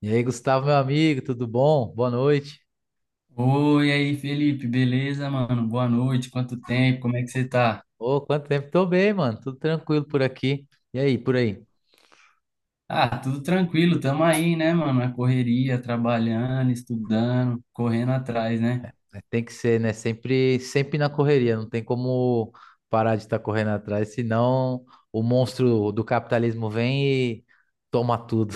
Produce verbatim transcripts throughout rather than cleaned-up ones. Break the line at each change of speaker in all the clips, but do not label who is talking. E aí, Gustavo, meu amigo, tudo bom? Boa noite.
Oi, aí, Felipe, beleza, mano? Boa noite, quanto tempo, como é que você tá?
Ô, quanto tempo? Tô bem, mano. Tudo tranquilo por aqui. E aí, por aí?
Ah, tudo tranquilo, tamo aí, né, mano? Na correria, trabalhando, estudando, correndo atrás, né?
É, tem que ser, né? Sempre, sempre na correria. Não tem como parar de estar correndo atrás, senão o monstro do capitalismo vem e toma tudo.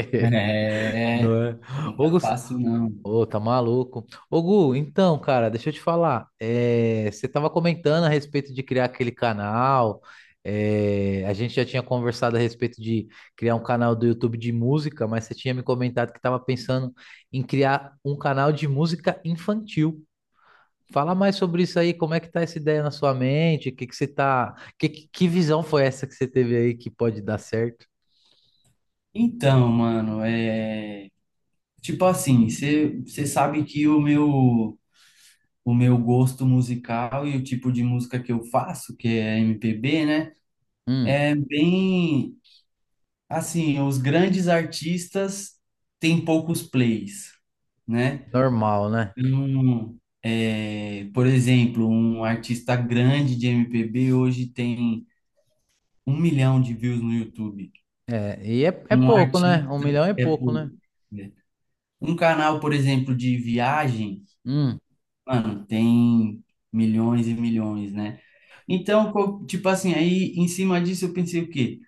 É,
Não é?
não
Ô,
tá
Gus-
fácil, não.
Ô, tá maluco. Ô, Gu, então, cara, deixa eu te falar. É, você tava comentando a respeito de criar aquele canal. É, a gente já tinha conversado a respeito de criar um canal do YouTube de música, mas você tinha me comentado que tava pensando em criar um canal de música infantil. Fala mais sobre isso aí, como é que tá essa ideia na sua mente? O que que você tá. Que, que que visão foi essa que você teve aí que pode dar certo?
Então, mano, é. Tipo assim, você sabe que o meu, o meu gosto musical e o tipo de música que eu faço, que é M P B, né?
Hum,
É bem. Assim, os grandes artistas têm poucos plays, né?
normal, né?
Então, é, por exemplo, um artista grande de M P B hoje tem um milhão de views no YouTube.
É, e é, é
Um
pouco, né? Um
artista
milhão é
é
pouco, né?
pouco, né? Um canal, por exemplo, de viagem,
Hum.
mano, tem milhões e milhões, né? Então, co- tipo assim, aí em cima disso eu pensei o quê?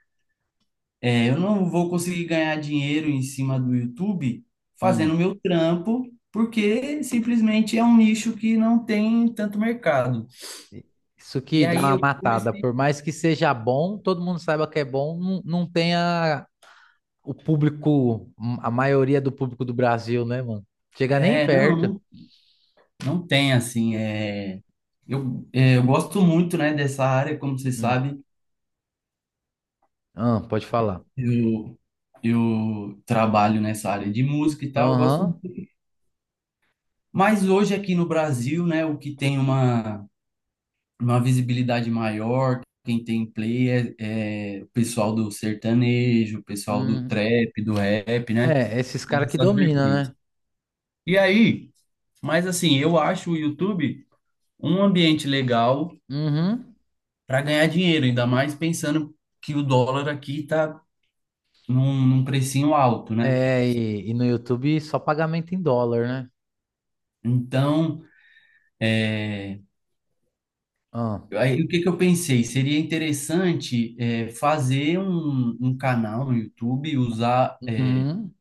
É, eu não vou conseguir ganhar dinheiro em cima do YouTube
Hum,
fazendo meu trampo, porque simplesmente é um nicho que não tem tanto mercado.
isso
E
que dá
aí
uma
eu
matada.
comecei.
Por mais que seja bom, todo mundo saiba que é bom, não, não tenha o público, hum, a maioria do público do Brasil, né, mano? Chega nem
É,
perto.
não, não tem assim. É, eu, é, eu gosto muito, né, dessa área, como você
Hum.
sabe,
Ah, pode falar.
eu, eu trabalho nessa área de música e tal, eu gosto
Aham.
muito. Mas hoje aqui no Brasil, né, o que tem uma uma visibilidade maior. Quem tem play é, é o pessoal do sertanejo, o pessoal do
Hum.
trap, do rap, né?
É, esses caras que
Essas
dominam,
vertentes.
né?
E aí, mas assim, eu acho o YouTube um ambiente legal
Uhum.
para ganhar dinheiro, ainda mais pensando que o dólar aqui tá num, num precinho alto, né?
É, e, e no YouTube só pagamento em dólar, né?
Então,
Ah.
aí, o que que eu pensei? Seria interessante é, fazer um, um canal no YouTube, usar
Uhum.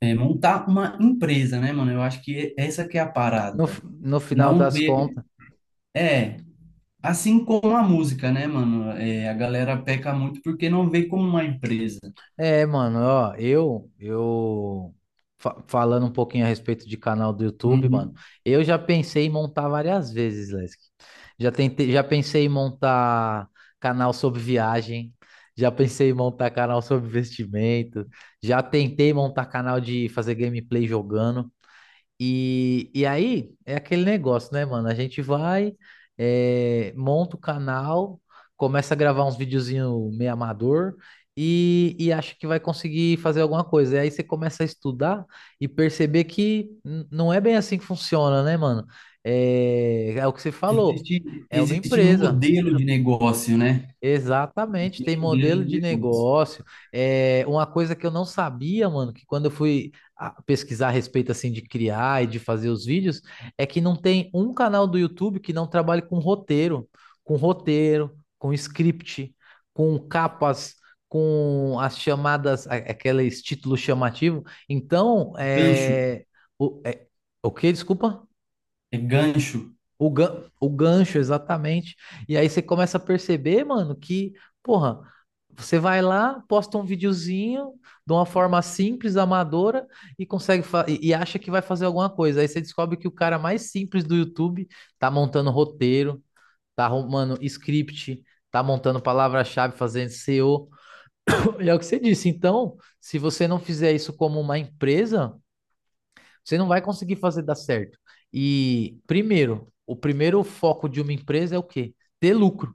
É, montar uma empresa, né, mano? Eu acho que essa que é a
No, f-
parada.
no final
Não
das
ver.
contas.
É, assim como a música, né, mano? É, a galera peca muito porque não vê como uma empresa.
É, mano, ó, eu, eu fa- Falando um pouquinho a respeito de canal do YouTube, mano,
Uhum.
eu já pensei em montar várias vezes, Lesk. Já tentei, já pensei em montar canal sobre viagem, já pensei em montar canal sobre investimento, já tentei montar canal de fazer gameplay jogando. E, e aí é aquele negócio, né, mano? A gente vai, eh, monta o canal, começa a gravar uns videozinhos meio amador e, e acha que vai conseguir fazer alguma coisa. E aí você começa a estudar e perceber que n- não é bem assim que funciona, né, mano? é é o que você falou,
Existe,
é uma
existe
empresa.
modelo de negócio, né?
Exatamente, tem
Existe modelo de
modelo de
negócio.
negócio. É uma coisa que eu não sabia, mano, que quando eu fui ah, pesquisar a respeito assim de criar e de fazer os vídeos, é que não tem um canal do YouTube que não trabalhe com roteiro, com roteiro, com script, com capas, com as chamadas, a- aqueles títulos chamativos. Então,
Gancho.
é, o, é, o quê? Desculpa?
É gancho.
O, gan- o gancho, exatamente. E aí você começa a perceber, mano, que, porra, você vai lá, posta um videozinho de uma forma simples, amadora, e consegue fa- e, e acha que vai fazer alguma coisa. Aí você descobre que o cara mais simples do YouTube tá montando roteiro, tá arrumando script, tá montando palavra-chave, fazendo S E O. E O. E é o que você disse. Então, se você não fizer isso como uma empresa, você não vai conseguir fazer dar certo. E primeiro, o primeiro foco de uma empresa é o quê? Ter lucro.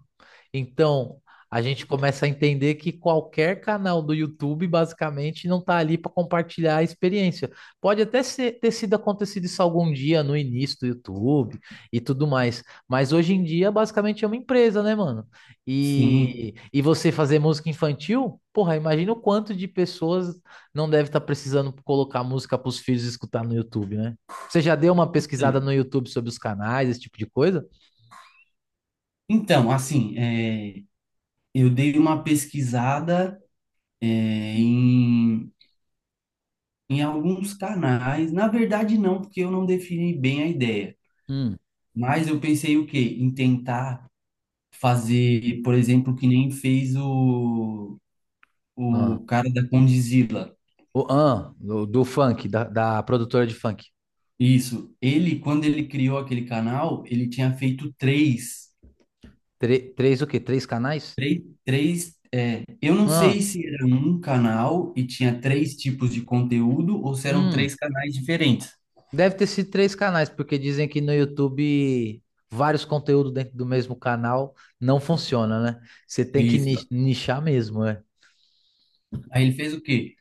Então, a gente começa a entender que qualquer canal do YouTube, basicamente, não está ali para compartilhar a experiência. Pode até ser- ter sido acontecido isso algum dia no início do YouTube e tudo mais, mas hoje em dia, basicamente, é uma empresa, né, mano?
Sim.
E, e você fazer música infantil, porra, imagina o quanto de pessoas não deve estar precisando colocar música para os filhos escutar no YouTube, né? Você já deu uma pesquisada
Então,
no YouTube sobre os canais, esse tipo de coisa?
então, assim, é, eu dei uma pesquisada, é, em, em alguns canais. Na verdade, não, porque eu não defini bem a ideia.
Hum.
Mas eu pensei o quê? Em tentar fazer, por exemplo, que nem fez o,
Ah,
o cara da Condizila.
o, ah, do, do funk, da, da produtora de funk.
Isso. Ele, quando ele criou aquele canal, ele tinha feito três.
Tre- três o quê? Três canais?
Três, três, é, eu não
Ah,
sei se era um canal e tinha três tipos de conteúdo ou se eram
hum.
três canais diferentes.
Deve ter sido três canais, porque dizem que no YouTube vários conteúdos dentro do mesmo canal não funciona, né? Você tem que ni-
Isso.
nichar mesmo, né?
Aí ele fez o quê?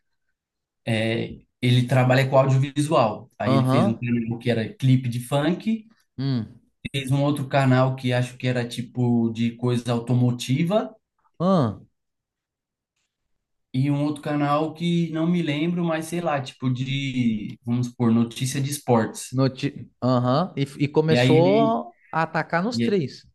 É, ele trabalha com audiovisual. Aí ele fez um
Aham.
canal que era clipe de funk
Hum.
fez um outro canal que acho que era tipo de coisa automotiva
Ah,
e um outro canal que não me lembro, mas sei lá, tipo de, vamos supor, notícia de esportes.
noti, ti- aham, E, e
E aí ele
começou a atacar nos
e,
três.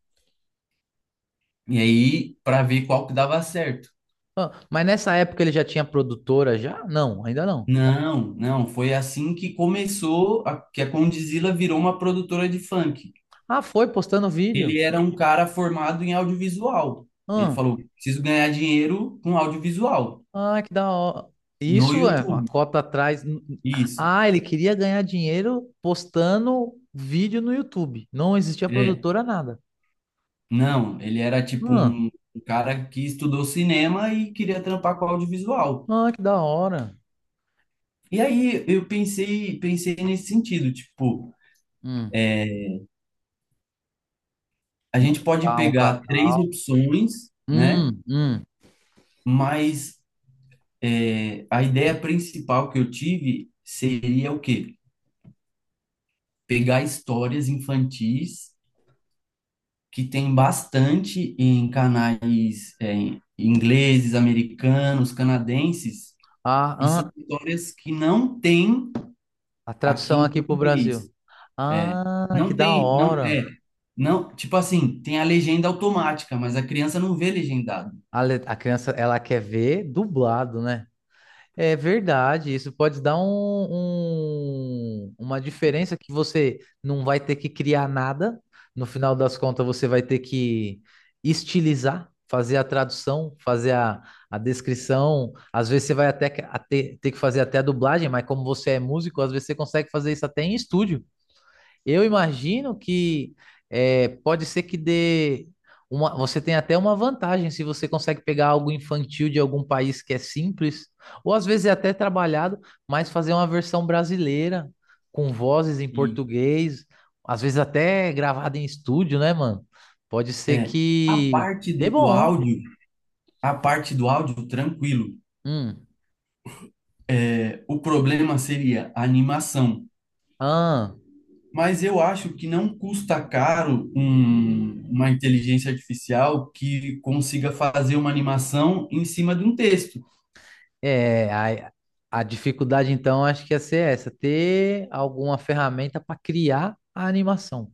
e aí para ver qual que dava certo.
Ah, mas nessa época ele já tinha produtora já? Não, ainda não.
Não, não, foi assim que começou a, que a Condzilla virou uma produtora de funk.
Ah, foi postando vídeo.
Ele era um cara formado em audiovisual. Ele
Ah,
falou: preciso ganhar dinheiro com audiovisual
ah, que da hora.
no
Isso é uma
YouTube.
cota atrás.
Isso.
Ah, ele queria ganhar dinheiro postando vídeo no YouTube. Não existia
É.
produtora nada.
Não, ele era tipo
Ah,
um, um cara que estudou cinema e queria trampar com audiovisual.
ah, que da hora.
E aí eu pensei, pensei nesse sentido, tipo,
Hum,
a gente pode
montar um
pegar três
canal.
opções, né?
Hum, hum.
Mas é, a ideia principal que eu tive seria o quê? Pegar histórias infantis que tem bastante em canais é, em- ingleses, americanos, canadenses,
Ah,
e são
ah,
histórias que não tem
a
aqui
tradução
em
aqui pro
português.
Brasil.
É.
Ah, que
Não
da
tem, não, é,
hora.
não, tipo assim, tem a legenda automática, mas a criança não vê legendado.
A, le- a criança, ela quer ver dublado, né? É verdade, isso pode dar um, um- uma diferença que você não vai ter que criar nada. No final das contas, você vai ter que estilizar, fazer a tradução, fazer a, a descrição. Às vezes você vai até que- a ter, ter que fazer até a dublagem, mas como você é músico, às vezes você consegue fazer isso até em estúdio. Eu imagino que é, pode ser que dê uma, você tem até uma vantagem se você consegue pegar algo infantil de algum país que é simples, ou às vezes é até trabalhado, mas fazer uma versão brasileira com vozes em
E
português, às vezes até gravada em estúdio, né, mano? Pode ser
é, a
que
parte
dê
do
bom.
áudio, a parte do áudio, tranquilo.
Hum.
É, o problema seria a animação.
Ah,
Mas eu acho que não custa caro um- uma inteligência artificial que consiga fazer uma animação em cima de um texto.
é, a, a dificuldade então acho que ia ser essa, ter alguma ferramenta para criar a animação.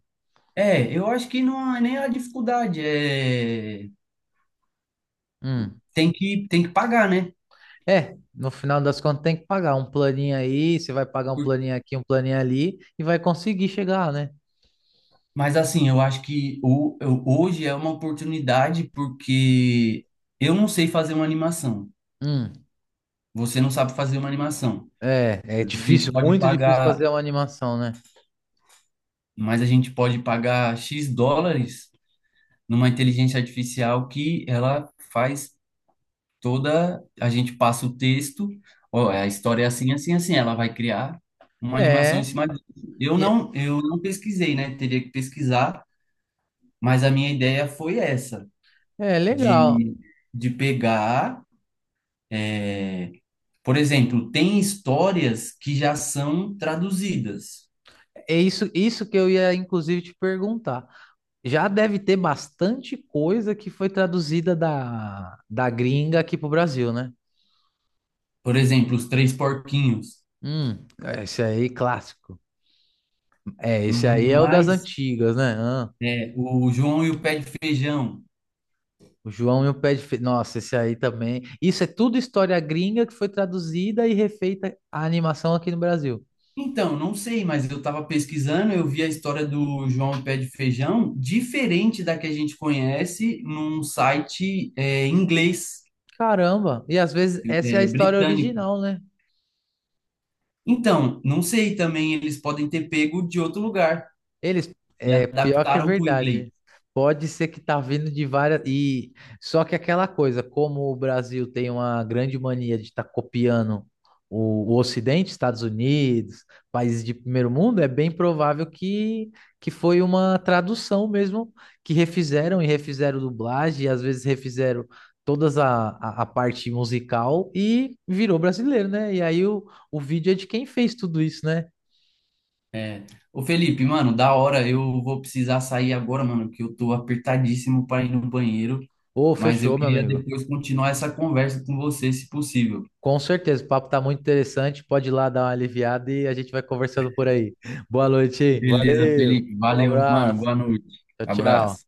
É, eu acho que não há nem a dificuldade, é,
Hum.
tem que, tem que pagar, né?
É, no final das contas tem que pagar um planinho aí, você vai pagar um planinho aqui, um planinho ali e vai conseguir chegar, né?
Mas assim, eu acho que o, eu- hoje é uma oportunidade porque eu não sei fazer uma animação.
Hum,
Você não sabe fazer uma animação.
é, é
A gente
difícil,
pode
muito difícil fazer
pagar,
uma animação, né?
mas a gente pode pagar X dólares numa inteligência artificial que ela faz toda, a gente passa o texto, ó, a história é assim, assim, assim, ela vai criar uma animação em
É,
cima disso. Eu
e é
não, eu não pesquisei, né? Teria que pesquisar, mas a minha ideia foi essa,
é legal.
de, de pegar É, por exemplo, tem histórias que já são traduzidas.
É isso, isso que eu ia inclusive te perguntar. Já deve ter bastante coisa que foi traduzida da, da gringa aqui pro Brasil, né?
Por exemplo, Os Três Porquinhos.
Hum, esse aí clássico. É, esse aí é o das
Mas
antigas, né? Ah,
é, o João e o Pé de Feijão.
O João e o Pé de Fe... Nossa, esse aí também. Isso é tudo história gringa que foi traduzida e refeita a animação aqui no Brasil.
Então, não sei, mas eu estava pesquisando, eu vi a história do João e o Pé de Feijão diferente da que a gente conhece num site é, inglês,
Caramba! E às vezes essa é a
é,
história
britânico.
original, né?
Então, não sei também, eles podem ter pego de outro lugar
Eles,
e
é, pior que é
adaptaram para o inglês.
verdade. Pode ser que tá vindo de várias e só que aquela coisa, como o Brasil tem uma grande mania de estar copiando o, o Ocidente, Estados Unidos, países de primeiro mundo, é bem provável que que foi uma tradução mesmo que refizeram e refizeram dublagem, e às vezes refizeram todas a, a, a parte musical e virou brasileiro, né? E aí o, o vídeo é de quem fez tudo isso, né?
É. Ô Felipe, mano, da hora, eu vou precisar sair agora, mano, que eu tô apertadíssimo para ir no banheiro,
Ô,
mas eu
fechou, meu
queria
amigo.
depois continuar essa conversa com você, se possível.
Com certeza, o papo tá muito interessante. Pode ir lá dar uma aliviada e a gente vai conversando por aí. Boa noite, hein?
Beleza,
Valeu.
Felipe,
Um
valeu, mano,
abraço.
boa noite,
Tchau, tchau.
abraço.